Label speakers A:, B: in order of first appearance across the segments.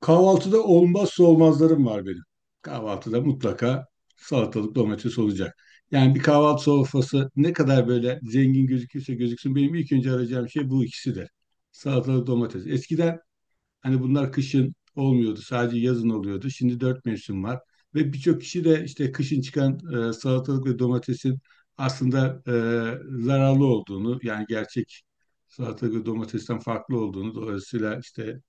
A: Kahvaltıda olmazsa olmazlarım var benim. Kahvaltıda mutlaka salatalık domates olacak. Yani bir kahvaltı sofrası ne kadar böyle zengin gözükürse gözüksün benim ilk önce arayacağım şey bu ikisidir. Salatalık domates. Eskiden hani bunlar kışın olmuyordu. Sadece yazın oluyordu. Şimdi dört mevsim var. Ve birçok kişi de işte kışın çıkan salatalık ve domatesin aslında zararlı olduğunu yani gerçek salatalık ve domatesten farklı olduğunu dolayısıyla işte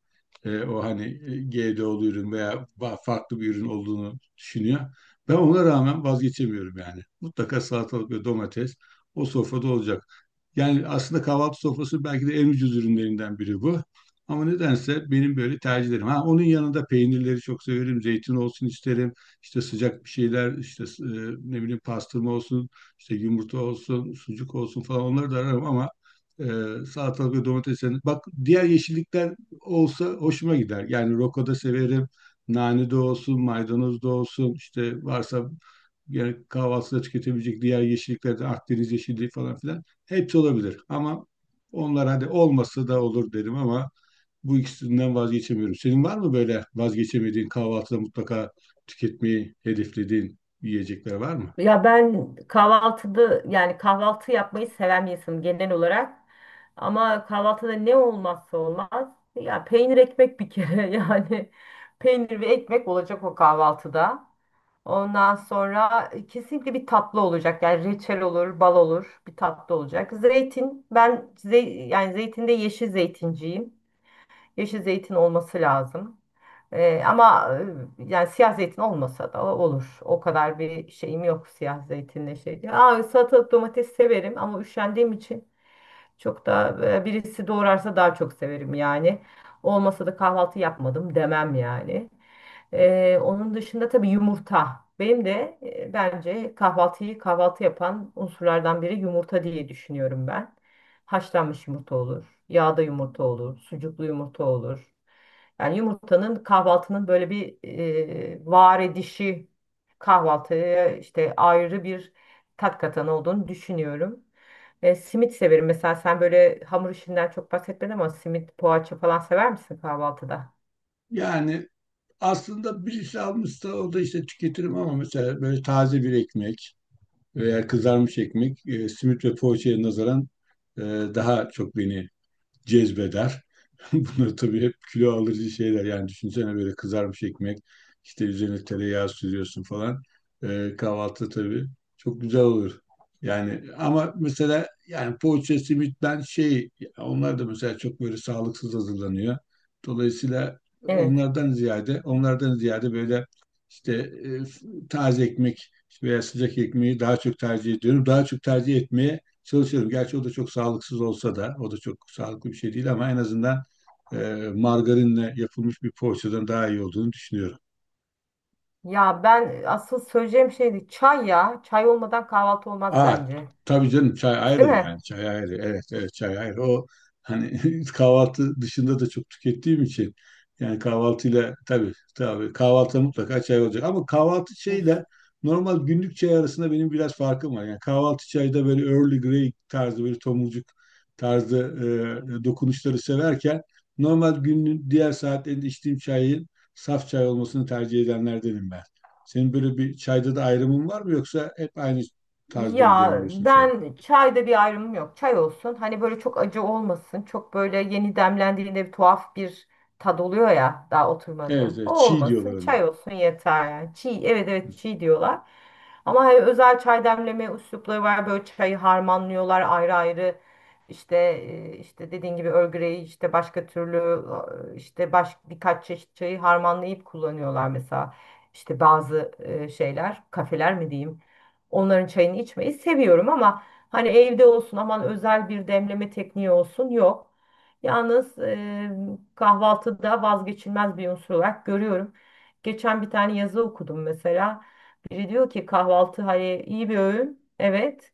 A: o hani GDO'lu ürün veya farklı bir ürün olduğunu düşünüyor. Ben ona rağmen vazgeçemiyorum yani. Mutlaka salatalık ve domates o sofrada olacak. Yani aslında kahvaltı sofrası belki de en ucuz ürünlerinden biri bu. Ama nedense benim böyle tercihlerim. Ha, onun yanında peynirleri çok severim. Zeytin olsun isterim. İşte sıcak bir şeyler, işte ne bileyim pastırma olsun, işte yumurta olsun, sucuk olsun falan onları da ararım ama e, salatalık ve domates. Bak diğer yeşillikler olsa hoşuma gider. Yani roko da severim. Nane de olsun, maydanoz da olsun. İşte varsa yani kahvaltıda tüketebilecek diğer yeşilliklerden Akdeniz yeşilliği falan filan hepsi olabilir. Ama onlar hadi olmasa da olur derim ama bu ikisinden vazgeçemiyorum. Senin var mı böyle vazgeçemediğin kahvaltıda mutlaka tüketmeyi hedeflediğin yiyecekler var mı?
B: Ya ben kahvaltıda yani kahvaltı yapmayı seven bir insanım genel olarak. Ama kahvaltıda ne olmazsa olmaz. Ya peynir ekmek bir kere yani peynir ve ekmek olacak o kahvaltıda. Ondan sonra kesinlikle bir tatlı olacak. Yani reçel olur, bal olur, bir tatlı olacak. Zeytin ben yani zeytinde yeşil zeytinciyim. Yeşil zeytin olması lazım. Ama yani siyah zeytin olmasa da olur. O kadar bir şeyim yok siyah zeytinle şey diye. Salatalık domates severim, ama üşendiğim için çok da birisi doğrarsa daha çok severim yani. Olmasa da kahvaltı yapmadım demem yani. Onun dışında tabii yumurta. Benim de bence kahvaltıyı kahvaltı yapan unsurlardan biri yumurta diye düşünüyorum ben. Haşlanmış yumurta olur, yağda yumurta olur, sucuklu yumurta olur. Yani yumurtanın kahvaltının böyle bir var edişi, kahvaltıya işte ayrı bir tat katan olduğunu düşünüyorum. Simit severim. Mesela sen böyle hamur işinden çok bahsetmedin, ama simit, poğaça falan sever misin kahvaltıda?
A: Yani aslında birisi almışsa o da işte tüketirim ama mesela böyle taze bir ekmek veya kızarmış ekmek simit ve poğaçaya nazaran e, daha çok beni cezbeder. Bunlar tabii hep kilo alıcı şeyler. Yani düşünsene böyle kızarmış ekmek, işte üzerine tereyağı sürüyorsun falan. Kahvaltı tabii çok güzel olur. Yani ama mesela yani poğaça, simit ben şey onlar da mesela çok böyle sağlıksız hazırlanıyor. Dolayısıyla
B: Evet.
A: onlardan ziyade böyle işte taze ekmek veya sıcak ekmeği daha çok tercih ediyorum. Daha çok tercih etmeye çalışıyorum. Gerçi o da çok sağlıksız olsa da, o da çok sağlıklı bir şey değil ama en azından e, margarinle yapılmış bir poğaçadan daha iyi olduğunu düşünüyorum.
B: Ya ben asıl söyleyeceğim şeydi çay ya. Çay olmadan kahvaltı olmaz
A: Aa,
B: bence.
A: tabii canım çay ayrı
B: Değil
A: yani çay ayrı, evet evet, çay ayrı o hani kahvaltı dışında da çok tükettiğim için yani kahvaltıyla tabii tabii kahvaltıda mutlaka çay olacak ama kahvaltı
B: mi?
A: çayıyla normal günlük çay arasında benim biraz farkım var. Yani kahvaltı çayda böyle Early Grey tarzı böyle tomurcuk tarzı dokunuşları severken normal günün diğer saatlerinde içtiğim çayın saf çay olmasını tercih edenlerdenim ben. Senin böyle bir çayda da ayrımın var mı yoksa hep aynı tarzda mı
B: Ya
A: demliyorsun çayı?
B: ben çayda bir ayrımım yok. Çay olsun. Hani böyle çok acı olmasın. Çok böyle yeni demlendiğinde bir tuhaf bir tad oluyor ya daha
A: Evet,
B: oturmadan. O
A: evet, çiğ
B: olmasın.
A: diyorlar ona.
B: Çay olsun yeter yani. Çiğ, evet, evet, çiğ diyorlar. Ama hani özel çay demleme üslupları var. Böyle çayı harmanlıyorlar ayrı ayrı. İşte işte dediğin gibi Earl, işte başka türlü, işte birkaç çeşit çayı harmanlayıp kullanıyorlar mesela. İşte bazı şeyler, kafeler mi diyeyim, onların çayını içmeyi seviyorum, ama hani evde olsun aman özel bir demleme tekniği olsun yok. Yalnız kahvaltıda vazgeçilmez bir unsur olarak görüyorum. Geçen bir tane yazı okudum mesela. Biri diyor ki kahvaltı hani iyi bir öğün. Evet.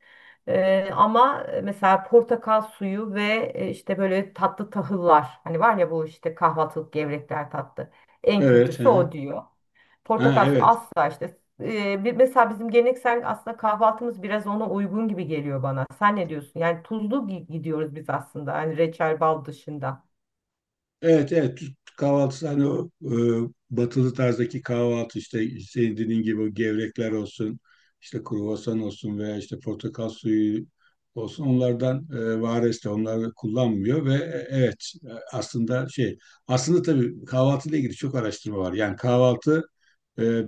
B: Ama mesela portakal suyu ve işte böyle tatlı tahıllar. Hani var ya bu işte kahvaltılık gevrekler tatlı. En
A: Evet, hı
B: kötüsü
A: hı.
B: o diyor.
A: Ha,
B: Portakal suyu
A: evet.
B: asla işte. Mesela bizim geleneksel aslında kahvaltımız biraz ona uygun gibi geliyor bana. Sen ne diyorsun? Yani tuzlu gidiyoruz biz aslında. Hani reçel bal dışında.
A: Evet evet Türk kahvaltısı hani o batılı tarzdaki kahvaltı işte senin dediğin gibi o gevrekler olsun, işte kruvasan olsun veya işte portakal suyu olsun, onlardan vares de onları kullanmıyor ve evet aslında şey aslında tabii kahvaltıyla ilgili çok araştırma var. Yani kahvaltı e,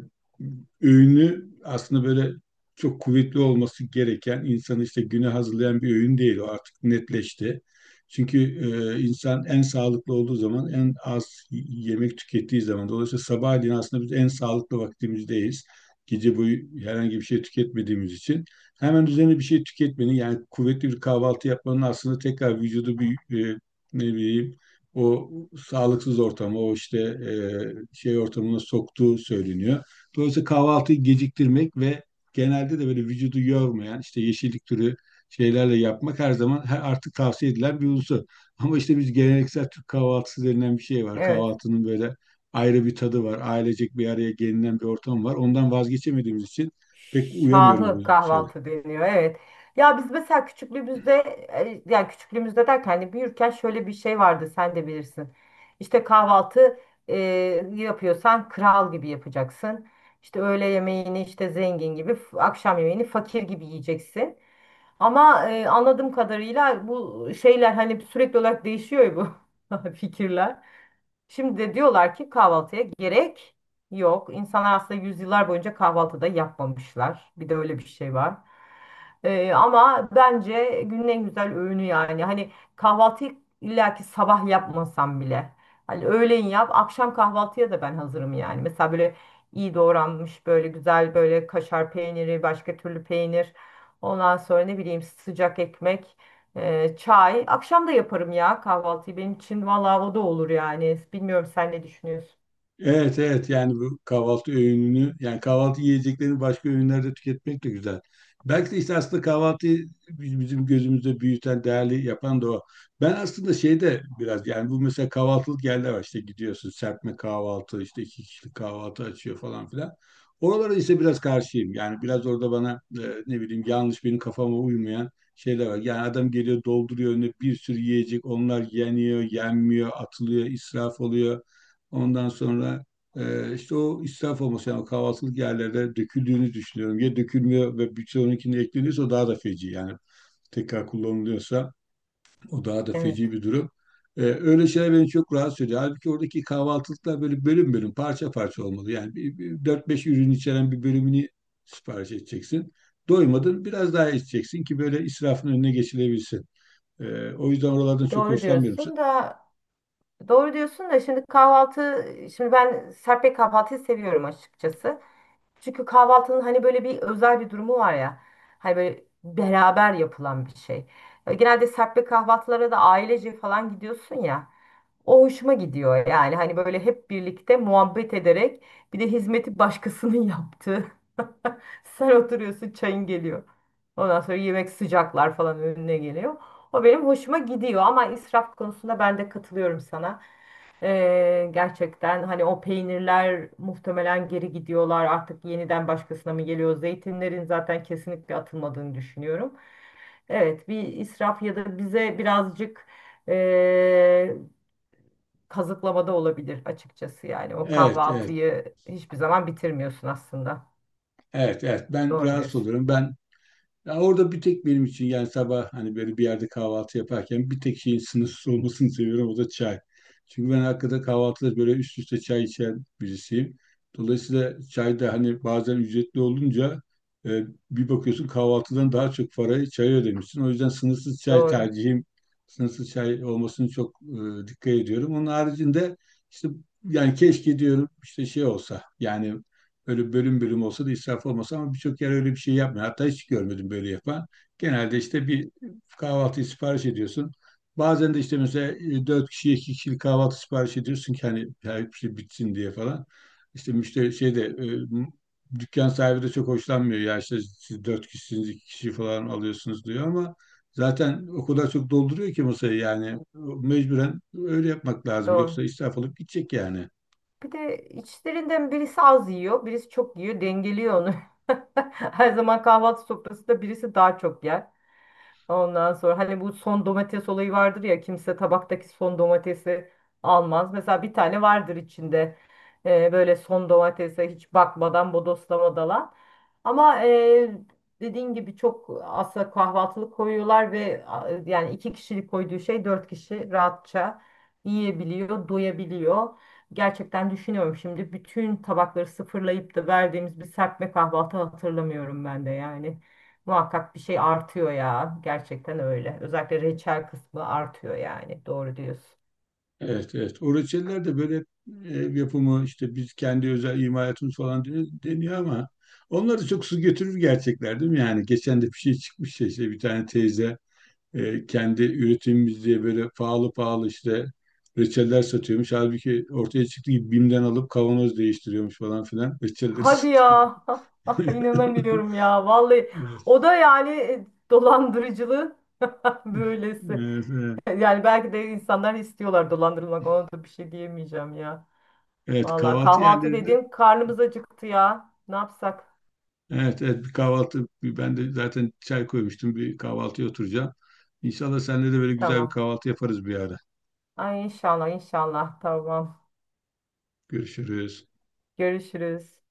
A: öğünü aslında böyle çok kuvvetli olması gereken, insanı işte güne hazırlayan bir öğün değil, o artık netleşti. Çünkü insan en sağlıklı olduğu zaman en az yemek tükettiği zaman, dolayısıyla sabahleyin aslında biz en sağlıklı vaktimizdeyiz. Gece boyu herhangi bir şey tüketmediğimiz için hemen üzerine bir şey tüketmenin yani kuvvetli bir kahvaltı yapmanın aslında tekrar vücudu bir e, ne bileyim o sağlıksız ortama, o işte şey ortamına soktuğu söyleniyor. Dolayısıyla kahvaltıyı geciktirmek ve genelde de böyle vücudu yormayan işte yeşillik türü şeylerle yapmak her zaman her artık tavsiye edilen bir unsur. Ama işte biz geleneksel Türk kahvaltısı denilen bir şey var.
B: Evet.
A: Kahvaltının böyle ayrı bir tadı var. Ailecek bir araya gelinen bir ortam var. Ondan vazgeçemediğimiz için pek uyamıyoruz bu
B: Şahı
A: şeyler.
B: kahvaltı deniyor. Evet. Ya biz mesela küçüklüğümüzde, yani küçüklüğümüzde derken hani büyürken, şöyle bir şey vardı, sen de bilirsin. İşte kahvaltı e, yapıyorsan kral gibi yapacaksın. İşte öğle yemeğini işte zengin gibi, akşam yemeğini fakir gibi yiyeceksin. Ama anladığım kadarıyla bu şeyler hani sürekli olarak değişiyor ya, bu fikirler. Şimdi de diyorlar ki kahvaltıya gerek yok. İnsanlar aslında yüzyıllar boyunca kahvaltıda yapmamışlar. Bir de öyle bir şey var. Ama bence günün en güzel öğünü yani. Hani kahvaltıyı illaki sabah yapmasam bile, hani öğleyin yap, akşam kahvaltıya da ben hazırım yani. Mesela böyle iyi doğranmış böyle güzel böyle kaşar peyniri, başka türlü peynir. Ondan sonra ne bileyim sıcak ekmek. Çay. Akşam da yaparım ya kahvaltıyı. Benim için valla o da olur yani. Bilmiyorum, sen ne düşünüyorsun?
A: Evet evet, yani bu kahvaltı öğününü yani kahvaltı yiyeceklerini başka öğünlerde tüketmek de güzel. Belki de işte aslında kahvaltıyı bizim gözümüzde büyüten, değerli yapan da o. Ben aslında şeyde biraz yani bu mesela kahvaltılık yerler var, işte gidiyorsun serpme kahvaltı işte iki kişilik kahvaltı açıyor falan filan. Oralara işte biraz karşıyım yani biraz orada bana ne bileyim yanlış, benim kafama uymayan şeyler var. Yani adam geliyor dolduruyor önüne bir sürü yiyecek, onlar yeniyor, yenmiyor, atılıyor, israf oluyor. Ondan sonra işte o israf olması yani o kahvaltılık yerlerde döküldüğünü düşünüyorum. Ya dökülmüyor ve birçoğununkine ekleniyorsa o daha da feci yani tekrar kullanılıyorsa o daha da
B: Evet.
A: feci bir durum. Öyle şeyler beni çok rahatsız ediyor. Halbuki oradaki kahvaltılıklar böyle bölüm bölüm, parça parça olmalı. Yani 4-5 ürün içeren bir bölümünü sipariş edeceksin. Doymadın biraz daha içeceksin ki böyle israfın önüne geçilebilsin. O yüzden oralardan çok
B: Doğru
A: hoşlanmıyorum.
B: diyorsun da doğru diyorsun da, şimdi ben serpme kahvaltıyı seviyorum açıkçası. Çünkü kahvaltının hani böyle bir özel bir durumu var ya. Hani böyle beraber yapılan bir şey. Genelde serpme kahvaltılara da ailece falan gidiyorsun ya. O hoşuma gidiyor yani, hani böyle hep birlikte muhabbet ederek, bir de hizmeti başkasının yaptığı. Sen oturuyorsun çayın geliyor. Ondan sonra yemek sıcaklar falan önüne geliyor. O benim hoşuma gidiyor, ama israf konusunda ben de katılıyorum sana. Gerçekten hani o peynirler muhtemelen geri gidiyorlar, artık yeniden başkasına mı geliyor? Zeytinlerin zaten kesinlikle atılmadığını düşünüyorum. Evet, bir israf ya da bize birazcık eee, kazıklamada olabilir açıkçası yani. O
A: Evet, evet,
B: kahvaltıyı hiçbir zaman bitirmiyorsun aslında.
A: evet, evet. Ben
B: Doğru
A: rahatsız
B: diyorsun.
A: oluyorum. Ben ya orada bir tek benim için yani sabah hani böyle bir yerde kahvaltı yaparken bir tek şeyin sınırsız olmasını seviyorum, o da çay. Çünkü ben hakikaten kahvaltıda böyle üst üste çay içen birisiyim. Dolayısıyla çay da hani bazen ücretli olunca e, bir bakıyorsun kahvaltıdan daha çok parayı çaya ödemişsin. O yüzden sınırsız çay
B: Doğru.
A: tercihim, sınırsız çay olmasını çok dikkat ediyorum. Onun haricinde işte yani keşke diyorum işte şey olsa yani, böyle bölüm bölüm olsa da israf olmasa, ama birçok yer öyle bir şey yapmıyor. Hatta hiç görmedim böyle yapan. Genelde işte bir kahvaltıyı sipariş ediyorsun. Bazen de işte mesela dört kişiye iki kişilik kahvaltı sipariş ediyorsun ki hani her şey bitsin diye falan. İşte müşteri şeyde dükkan sahibi de çok hoşlanmıyor. Ya işte siz dört kişisiniz iki kişi falan alıyorsunuz diyor ama zaten o kadar çok dolduruyor ki masayı yani mecburen öyle yapmak lazım.
B: Doğru.
A: Yoksa israf olup gidecek yani.
B: Bir de içlerinden birisi az yiyor, birisi çok yiyor, dengeliyor onu. Her zaman kahvaltı sofrasında birisi daha çok yer. Ondan sonra hani bu son domates olayı vardır ya, kimse tabaktaki son domatesi almaz. Mesela bir tane vardır içinde, böyle son domatese hiç bakmadan bodoslamadan. Ama dediğin gibi çok aslında kahvaltılık koyuyorlar ve yani iki kişilik koyduğu şey dört kişi rahatça yiyebiliyor, doyabiliyor. Gerçekten düşünüyorum, şimdi bütün tabakları sıfırlayıp da verdiğimiz bir serpme kahvaltı hatırlamıyorum ben de yani. Muhakkak bir şey artıyor ya. Gerçekten öyle. Özellikle reçel kısmı artıyor yani. Doğru diyorsun.
A: Evet, evet. O reçeller de böyle ev yapımı, işte biz kendi özel imalatımız falan deniyor ama onlar da çok su götürür gerçekler değil mi? Yani geçen de bir şey çıkmış ya, işte bir tane teyze kendi üretimimiz diye böyle pahalı pahalı işte reçeller satıyormuş. Halbuki ortaya çıktı gibi BİM'den alıp kavanoz değiştiriyormuş falan filan. Reçelleri
B: Hadi
A: satıyor.
B: ya. İnanamıyorum ya. Vallahi
A: Evet.
B: o da yani dolandırıcılığı böylesi.
A: Evet, evet.
B: Yani belki de insanlar istiyorlar dolandırılmak. Ona da bir şey diyemeyeceğim ya.
A: Evet,
B: Vallahi
A: kahvaltı
B: kahvaltı
A: yerlerinde.
B: dediğim karnımız acıktı ya. Ne yapsak?
A: Evet, evet, bir kahvaltı bir- ben de zaten çay koymuştum, bir kahvaltıya oturacağım. İnşallah seninle de böyle güzel bir
B: Tamam.
A: kahvaltı yaparız bir ara.
B: Ay, inşallah, inşallah. Tamam.
A: Görüşürüz.
B: Görüşürüz.